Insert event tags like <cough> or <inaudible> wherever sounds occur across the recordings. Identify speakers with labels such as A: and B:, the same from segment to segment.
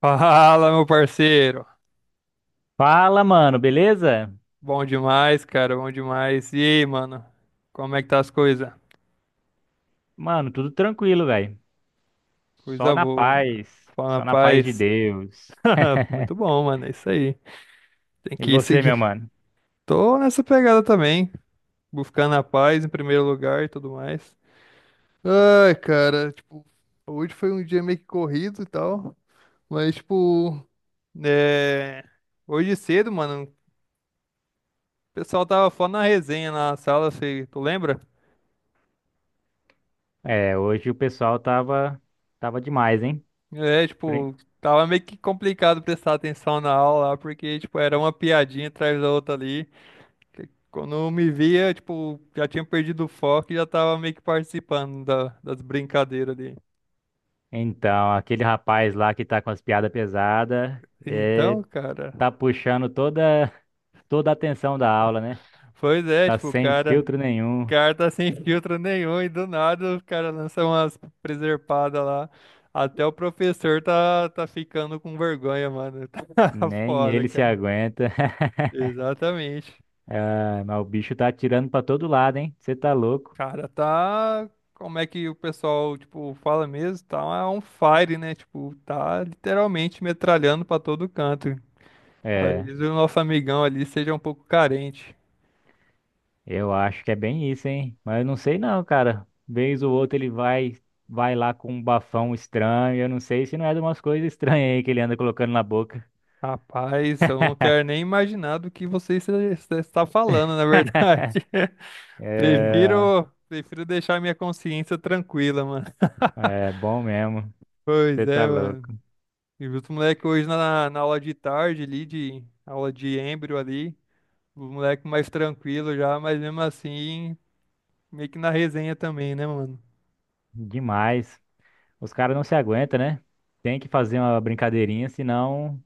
A: Fala, meu parceiro.
B: Fala, mano, beleza?
A: Bom demais, cara, bom demais. E aí, mano? Como é que tá as coisas?
B: Mano, tudo tranquilo, velho. Só
A: Coisa
B: na
A: boa, mano.
B: paz,
A: Fala na
B: só na paz de
A: paz.
B: Deus.
A: <laughs> Muito
B: <laughs>
A: bom, mano. É isso aí. Tem
B: E
A: que
B: você,
A: seguir.
B: meu mano?
A: Tô nessa pegada também, buscando a paz em primeiro lugar e tudo mais. Ai, cara, tipo, hoje foi um dia meio que corrido e tal, mas, tipo, é... hoje cedo, mano, o pessoal tava falando na resenha na sala, se tu lembra?
B: É, hoje o pessoal tava demais, hein?
A: É,
B: Pri-
A: tipo, tava meio que complicado prestar atenção na aula lá, porque, tipo, era uma piadinha atrás da outra ali. Que Quando eu me via, tipo, já tinha perdido o foco e já tava meio que participando das brincadeiras ali.
B: Então, aquele rapaz lá que tá com as piadas pesadas, é,
A: Então, cara,
B: tá puxando toda a atenção da aula, né?
A: pois é,
B: Tá
A: tipo, o
B: sem
A: cara,
B: filtro
A: o
B: nenhum,
A: cara tá <laughs> sem filtro nenhum e do nada o cara lança umas preservadas lá. Até o professor tá ficando com vergonha, mano. <laughs> Tá
B: nem
A: foda,
B: ele se
A: cara.
B: aguenta. <laughs>
A: Exatamente.
B: Ah, mas o bicho tá atirando pra todo lado, hein? Você tá louco?
A: Cara, tá. Como é que o pessoal, tipo, fala mesmo? Tá on fire, né? Tipo, tá literalmente metralhando pra todo canto.
B: É.
A: Talvez o nosso amigão ali seja um pouco carente.
B: Eu acho que é bem isso, hein? Mas eu não sei não, cara. Vez ou outra ele vai lá com um bafão estranho. Eu não sei se não é de umas coisas estranhas aí que ele anda colocando na boca.
A: Rapaz, eu não quero nem imaginar do que você está falando, na
B: <laughs>
A: verdade. <laughs>
B: É,
A: Prefiro deixar minha consciência tranquila, mano.
B: é bom mesmo.
A: Pois
B: Você tá
A: é, mano.
B: louco.
A: E os moleques hoje na aula de tarde ali, de aula de embrio ali. O moleque mais tranquilo já, mas mesmo assim meio que na resenha também, né, mano?
B: Demais. Os caras não se aguentam, né? Tem que fazer uma brincadeirinha, senão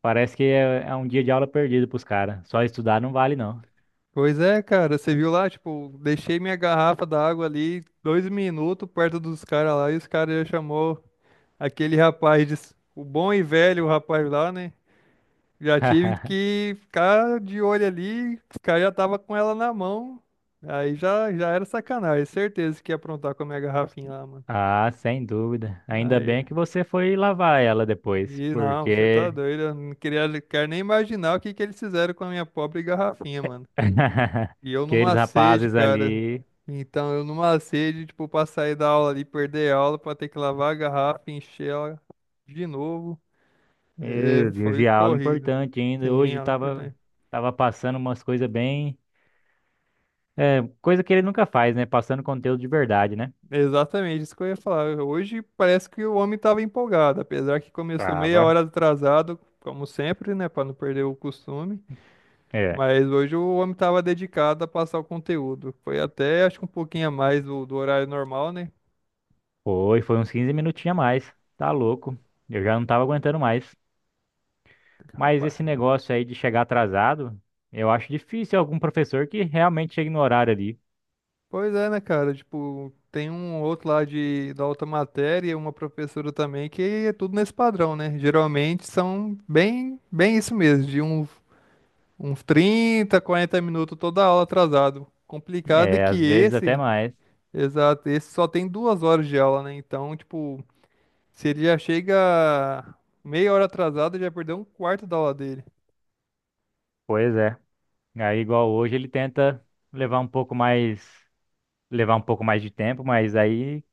B: parece que é um dia de aula perdido pros caras. Só estudar não vale, não.
A: Pois é, cara, você viu lá, tipo, deixei minha garrafa d'água ali 2 minutos perto dos caras lá e os caras já chamou aquele rapaz, o bom e velho rapaz lá, né? Já tive
B: <laughs>
A: que ficar de olho ali, os caras já tava com ela na mão, aí já era sacanagem, certeza que ia aprontar com a minha garrafinha lá, mano.
B: Ah, sem dúvida. Ainda
A: Aí,
B: bem que você foi lavar ela depois,
A: e não, você tá
B: porque
A: doido, eu não queria, quero nem imaginar o que que eles fizeram com a minha pobre garrafinha, mano.
B: <laughs>
A: E eu
B: aqueles
A: numa sede,
B: rapazes
A: cara.
B: ali,
A: Então, eu numa sede, tipo, pra sair da aula ali, perder a aula, pra ter que lavar a garrafa, encher ela de novo. É,
B: meu Deus,
A: foi
B: e a aula
A: corrido.
B: importante ainda.
A: Sim,
B: Hoje
A: aula
B: tava,
A: importante.
B: tava passando umas coisas bem. É, coisa que ele nunca faz, né? Passando conteúdo de verdade, né?
A: Exatamente, isso que eu ia falar. Hoje parece que o homem estava empolgado, apesar que começou meia
B: Tava.
A: hora atrasado, como sempre, né, para não perder o costume.
B: É,
A: Mas hoje o homem estava dedicado a passar o conteúdo. Foi até, acho que um pouquinho a mais do horário normal, né?
B: foi uns 15 minutinhos a mais. Tá louco. Eu já não tava aguentando mais. Mas
A: Rapaz.
B: esse negócio aí de chegar atrasado, eu acho difícil algum professor que realmente chegue no horário ali.
A: Pois é, né, cara? Tipo, tem um outro lá da outra matéria, e uma professora também, que é tudo nesse padrão, né? Geralmente são bem isso mesmo, de uns 30, 40 minutos toda aula atrasado. Complicado é
B: É,
A: que
B: às vezes até
A: esse,
B: mais.
A: exato, esse só tem 2 horas de aula, né? Então, tipo, se ele já chega meia hora atrasado, já perdeu um quarto da aula dele.
B: Pois é. Aí, igual hoje, ele tenta levar um pouco mais. levar um pouco mais de tempo, mas aí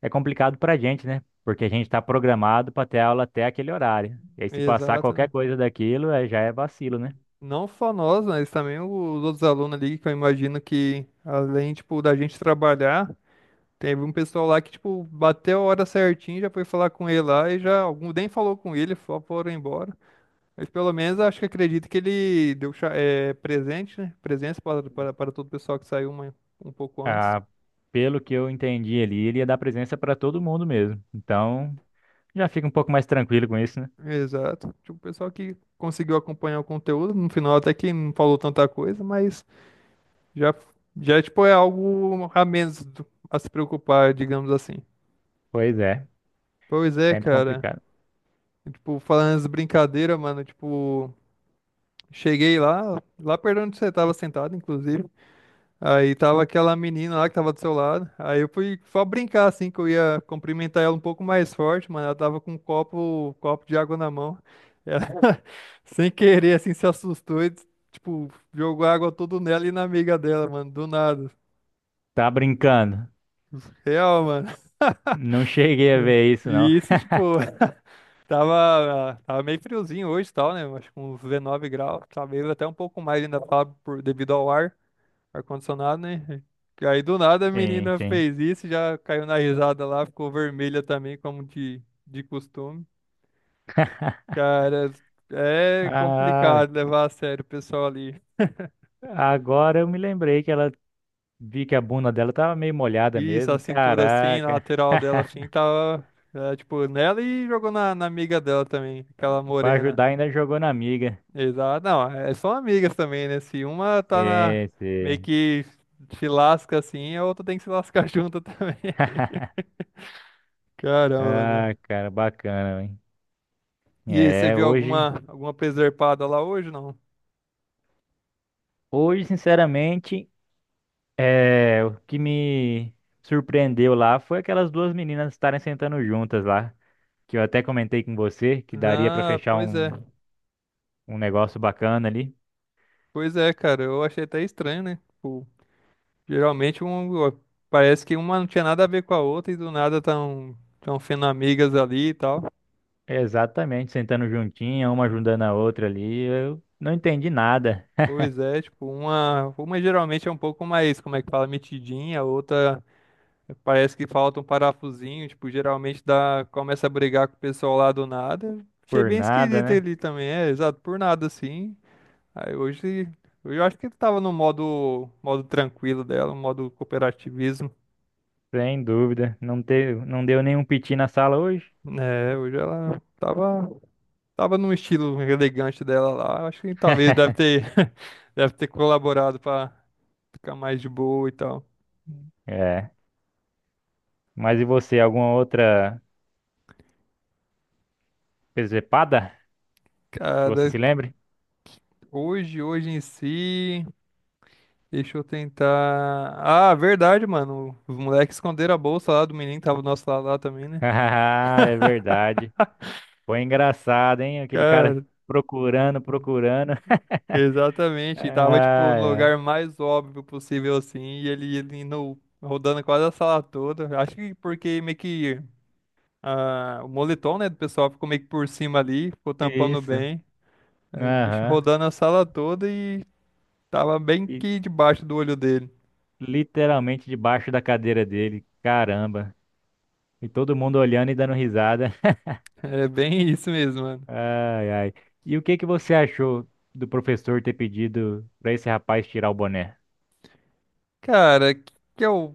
B: é complicado pra gente, né? Porque a gente tá programado pra ter aula até aquele horário. E aí se passar
A: Exato,
B: qualquer
A: né?
B: coisa daquilo, é, já é vacilo, né?
A: Não só nós, mas também os outros alunos ali, que eu imagino que, além, tipo, da gente trabalhar, teve um pessoal lá que, tipo, bateu a hora certinho, já foi falar com ele lá e já, algum nem falou com ele, só foram embora. Mas pelo menos acho que acredito que ele deu presente, né? Presença para todo o pessoal que saiu um pouco antes.
B: Ah, pelo que eu entendi ali, ele ia dar presença pra todo mundo mesmo. Então, já fica um pouco mais tranquilo com isso, né?
A: Exato. Tipo, o pessoal que conseguiu acompanhar o conteúdo, no final até que não falou tanta coisa, mas já, já tipo, é algo a menos do- a se preocupar, digamos assim.
B: Pois é,
A: Pois é,
B: sempre
A: cara.
B: complicado.
A: E, tipo, falando as brincadeiras, mano, tipo, cheguei lá perto onde você tava sentado, inclusive. Aí tava aquela menina lá que tava do seu lado. Aí eu fui só brincar, assim, que eu ia cumprimentar ela um pouco mais forte, mano. Ela tava com um copo de água na mão. Ela, <laughs> sem querer, assim, se assustou e, tipo, jogou água tudo nela e na amiga dela, mano, do nada.
B: Tá brincando?
A: Real, mano.
B: Não cheguei a ver isso, não.
A: E isso, tipo, <laughs> Tava meio friozinho hoje e tal, né? Acho que uns 19 graus, talvez até um pouco mais ainda tava devido ao ar-condicionado, né? Que aí do nada a
B: Sim,
A: menina
B: sim.
A: fez isso, já caiu na risada lá, ficou vermelha também, como de costume. Cara, é
B: Ah,
A: complicado levar a sério o pessoal ali.
B: agora eu me lembrei que ela vi que a bunda dela tava meio molhada
A: Isso, a
B: mesmo.
A: cintura assim, na
B: Caraca.
A: lateral dela assim, tava, é, tipo, nela e jogou na amiga dela também, aquela
B: Pra
A: morena.
B: ajudar, ainda jogou na amiga.
A: Exato. Não, é, são amigas também, né? Se uma tá na...
B: Sim,
A: meio
B: sim.
A: que se lasca assim, a outra tem que se lascar <laughs> junto também.
B: <laughs>
A: Caramba, mano.
B: Ah, cara, bacana, hein?
A: E aí, você
B: É,
A: viu
B: hoje,
A: alguma preservada lá hoje, não?
B: hoje, sinceramente, é, o que me surpreendeu lá foi aquelas duas meninas estarem sentando juntas lá, que eu até comentei com você que daria pra
A: Ah,
B: fechar
A: pois é.
B: um negócio bacana ali.
A: Pois é, cara. Eu achei até estranho, né? Tipo, geralmente um, ó, parece que uma não tinha nada a ver com a outra e do nada tão sendo amigas ali e tal.
B: Exatamente, sentando juntinha, uma ajudando a outra ali. Eu não entendi nada,
A: Pois é, tipo, uma geralmente é um pouco mais, como é que fala, metidinha, a outra. Parece que falta um parafusinho, tipo, geralmente dá, começa a brigar com o pessoal lá do nada. Achei
B: por
A: bem
B: nada,
A: esquisito
B: né?
A: ele também, é, exato, por nada assim. Aí hoje eu acho que ele tava no modo tranquilo dela, no modo cooperativismo,
B: Sem dúvida. Não teve, não deu nenhum piti na sala hoje.
A: né? Hoje ela tava num estilo elegante dela lá. Acho que talvez
B: <laughs>
A: <laughs> deve ter colaborado pra ficar mais de boa e tal.
B: É. Mas e você, alguma outra presepada que você
A: Cara,
B: se lembre?
A: hoje em si. Deixa eu tentar. Ah, verdade, mano. Os moleques esconderam a bolsa lá do menino que tava do nosso lado lá também,
B: <laughs>
A: né?
B: Ah, é verdade. Foi engraçado, hein? Aquele cara
A: Cara,
B: procurando, procurando. <laughs>
A: exatamente. E tava, tipo,
B: Ah,
A: no
B: é.
A: lugar mais óbvio possível, assim. E ele indo, rodando quase a sala toda. Acho que porque meio que ah, o moletom, né, do pessoal ficou meio que por cima ali, ficou tampando
B: Isso.
A: bem. Aí o bicho
B: Aham.
A: rodando a sala toda e tava bem
B: E
A: que debaixo do olho dele.
B: literalmente debaixo da cadeira dele. Caramba. E todo mundo olhando e dando risada.
A: É bem isso mesmo, mano.
B: <laughs> Ai, ai. E o que que você achou do professor ter pedido para esse rapaz tirar o boné?
A: Cara, que é o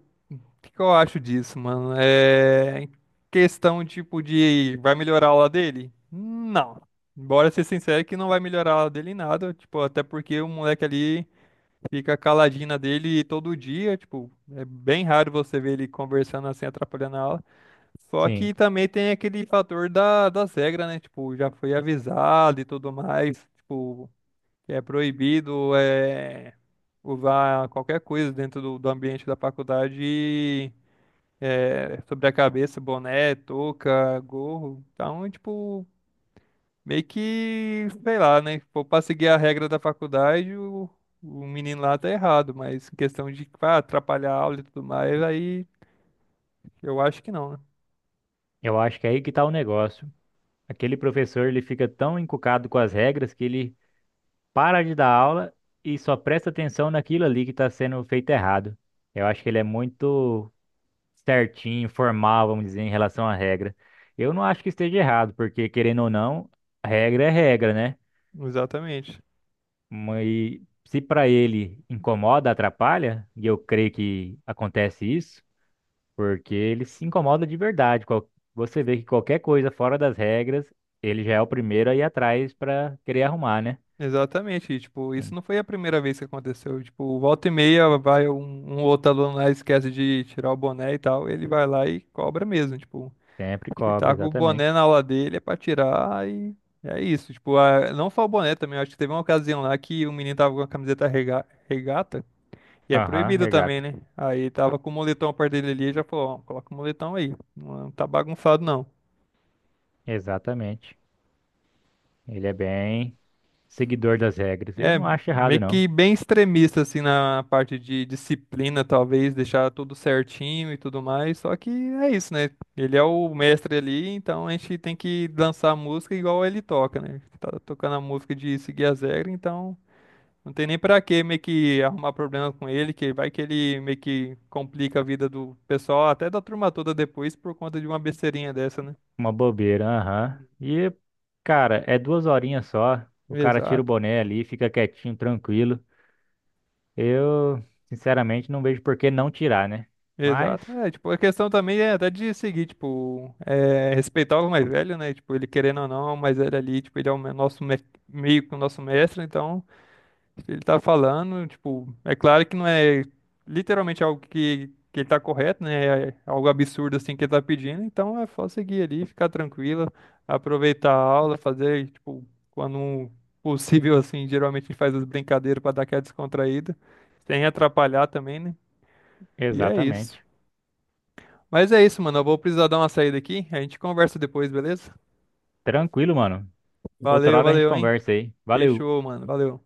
A: que que eu acho disso, mano? É questão tipo de vai melhorar a aula dele? Não. Bora ser sincero que não vai melhorar a aula dele em nada, tipo, até porque o moleque ali fica caladinho na dele todo dia, tipo, é bem raro você ver ele conversando assim, atrapalhando a aula. Só que
B: Sim,
A: também tem aquele fator das regras, né? Tipo, já foi avisado e tudo mais, tipo, é proibido, é usar qualquer coisa dentro do ambiente da faculdade é, sobre a cabeça, boné, touca, gorro. Então, tipo, meio que, sei lá, né? Se for pra seguir a regra da faculdade, o menino lá tá errado, mas em questão de tipo, ah, atrapalhar a aula e tudo mais, aí eu acho que não, né?
B: eu acho que é aí que tá o negócio. Aquele professor, ele fica tão encucado com as regras que ele para de dar aula e só presta atenção naquilo ali que está sendo feito errado. Eu acho que ele é muito certinho, formal, vamos dizer, em relação à regra. Eu não acho que esteja errado, porque querendo ou não, regra é regra, né?
A: Exatamente.
B: Mas se para ele incomoda, atrapalha, e eu creio que acontece isso, porque ele se incomoda de verdade. Qual- Você vê que qualquer coisa fora das regras, ele já é o primeiro a ir atrás para querer arrumar, né?
A: Exatamente, e, tipo, isso não foi a primeira vez que aconteceu. Tipo, volta e meia vai um outro aluno lá e esquece de tirar o boné e tal, ele vai lá e cobra mesmo, tipo.
B: Sempre
A: Que
B: cobra,
A: tá com o boné
B: exatamente.
A: na aula dele é pra tirar e é isso. Tipo, a- não só o boné também, eu acho que teve uma ocasião lá que o menino tava com a camiseta regata, e é
B: Aham,
A: proibido também,
B: regata.
A: né? Aí tava com o moletom perto dele ali e já falou, ó, coloca o moletom aí, não tá bagunçado não.
B: Exatamente. Ele é bem seguidor das regras. Eu
A: É,
B: não acho
A: meio
B: errado, não.
A: que bem extremista, assim, na parte de disciplina, talvez, deixar tudo certinho e tudo mais. Só que é isso, né? Ele é o mestre ali, então a gente tem que dançar a música igual ele toca, né? Tá tocando a música de seguir as regras, então não tem nem pra que meio que arrumar problema com ele, que vai que ele meio que complica a vida do pessoal, até da turma toda depois, por conta de uma besteirinha dessa, né?
B: Uma bobeira, aham. E, cara, é 2 horinhas só. O cara tira o
A: Exato.
B: boné ali, fica quietinho, tranquilo. Eu, sinceramente, não vejo por que não tirar, né? Mas,
A: Exato. É, tipo, a questão também é até de seguir, tipo, é, respeitar o mais velho, né? Tipo, ele querendo ou não, o mais velho ali, tipo, ele é o me- nosso me- meio que o nosso mestre, então, se ele tá falando, tipo, é claro que não é literalmente algo que ele tá correto, né? É algo absurdo assim que ele tá pedindo, então é só seguir ali, ficar tranquilo, aproveitar a aula, fazer, tipo, quando um possível, assim, geralmente a gente faz as brincadeiras pra dar aquela descontraída, sem atrapalhar também, né? E é isso.
B: exatamente.
A: Mas é isso, mano. Eu vou precisar dar uma saída aqui. A gente conversa depois, beleza?
B: Tranquilo, mano. Outra
A: Valeu,
B: hora a gente
A: valeu, hein?
B: conversa aí. Valeu.
A: Fechou, mano. Valeu.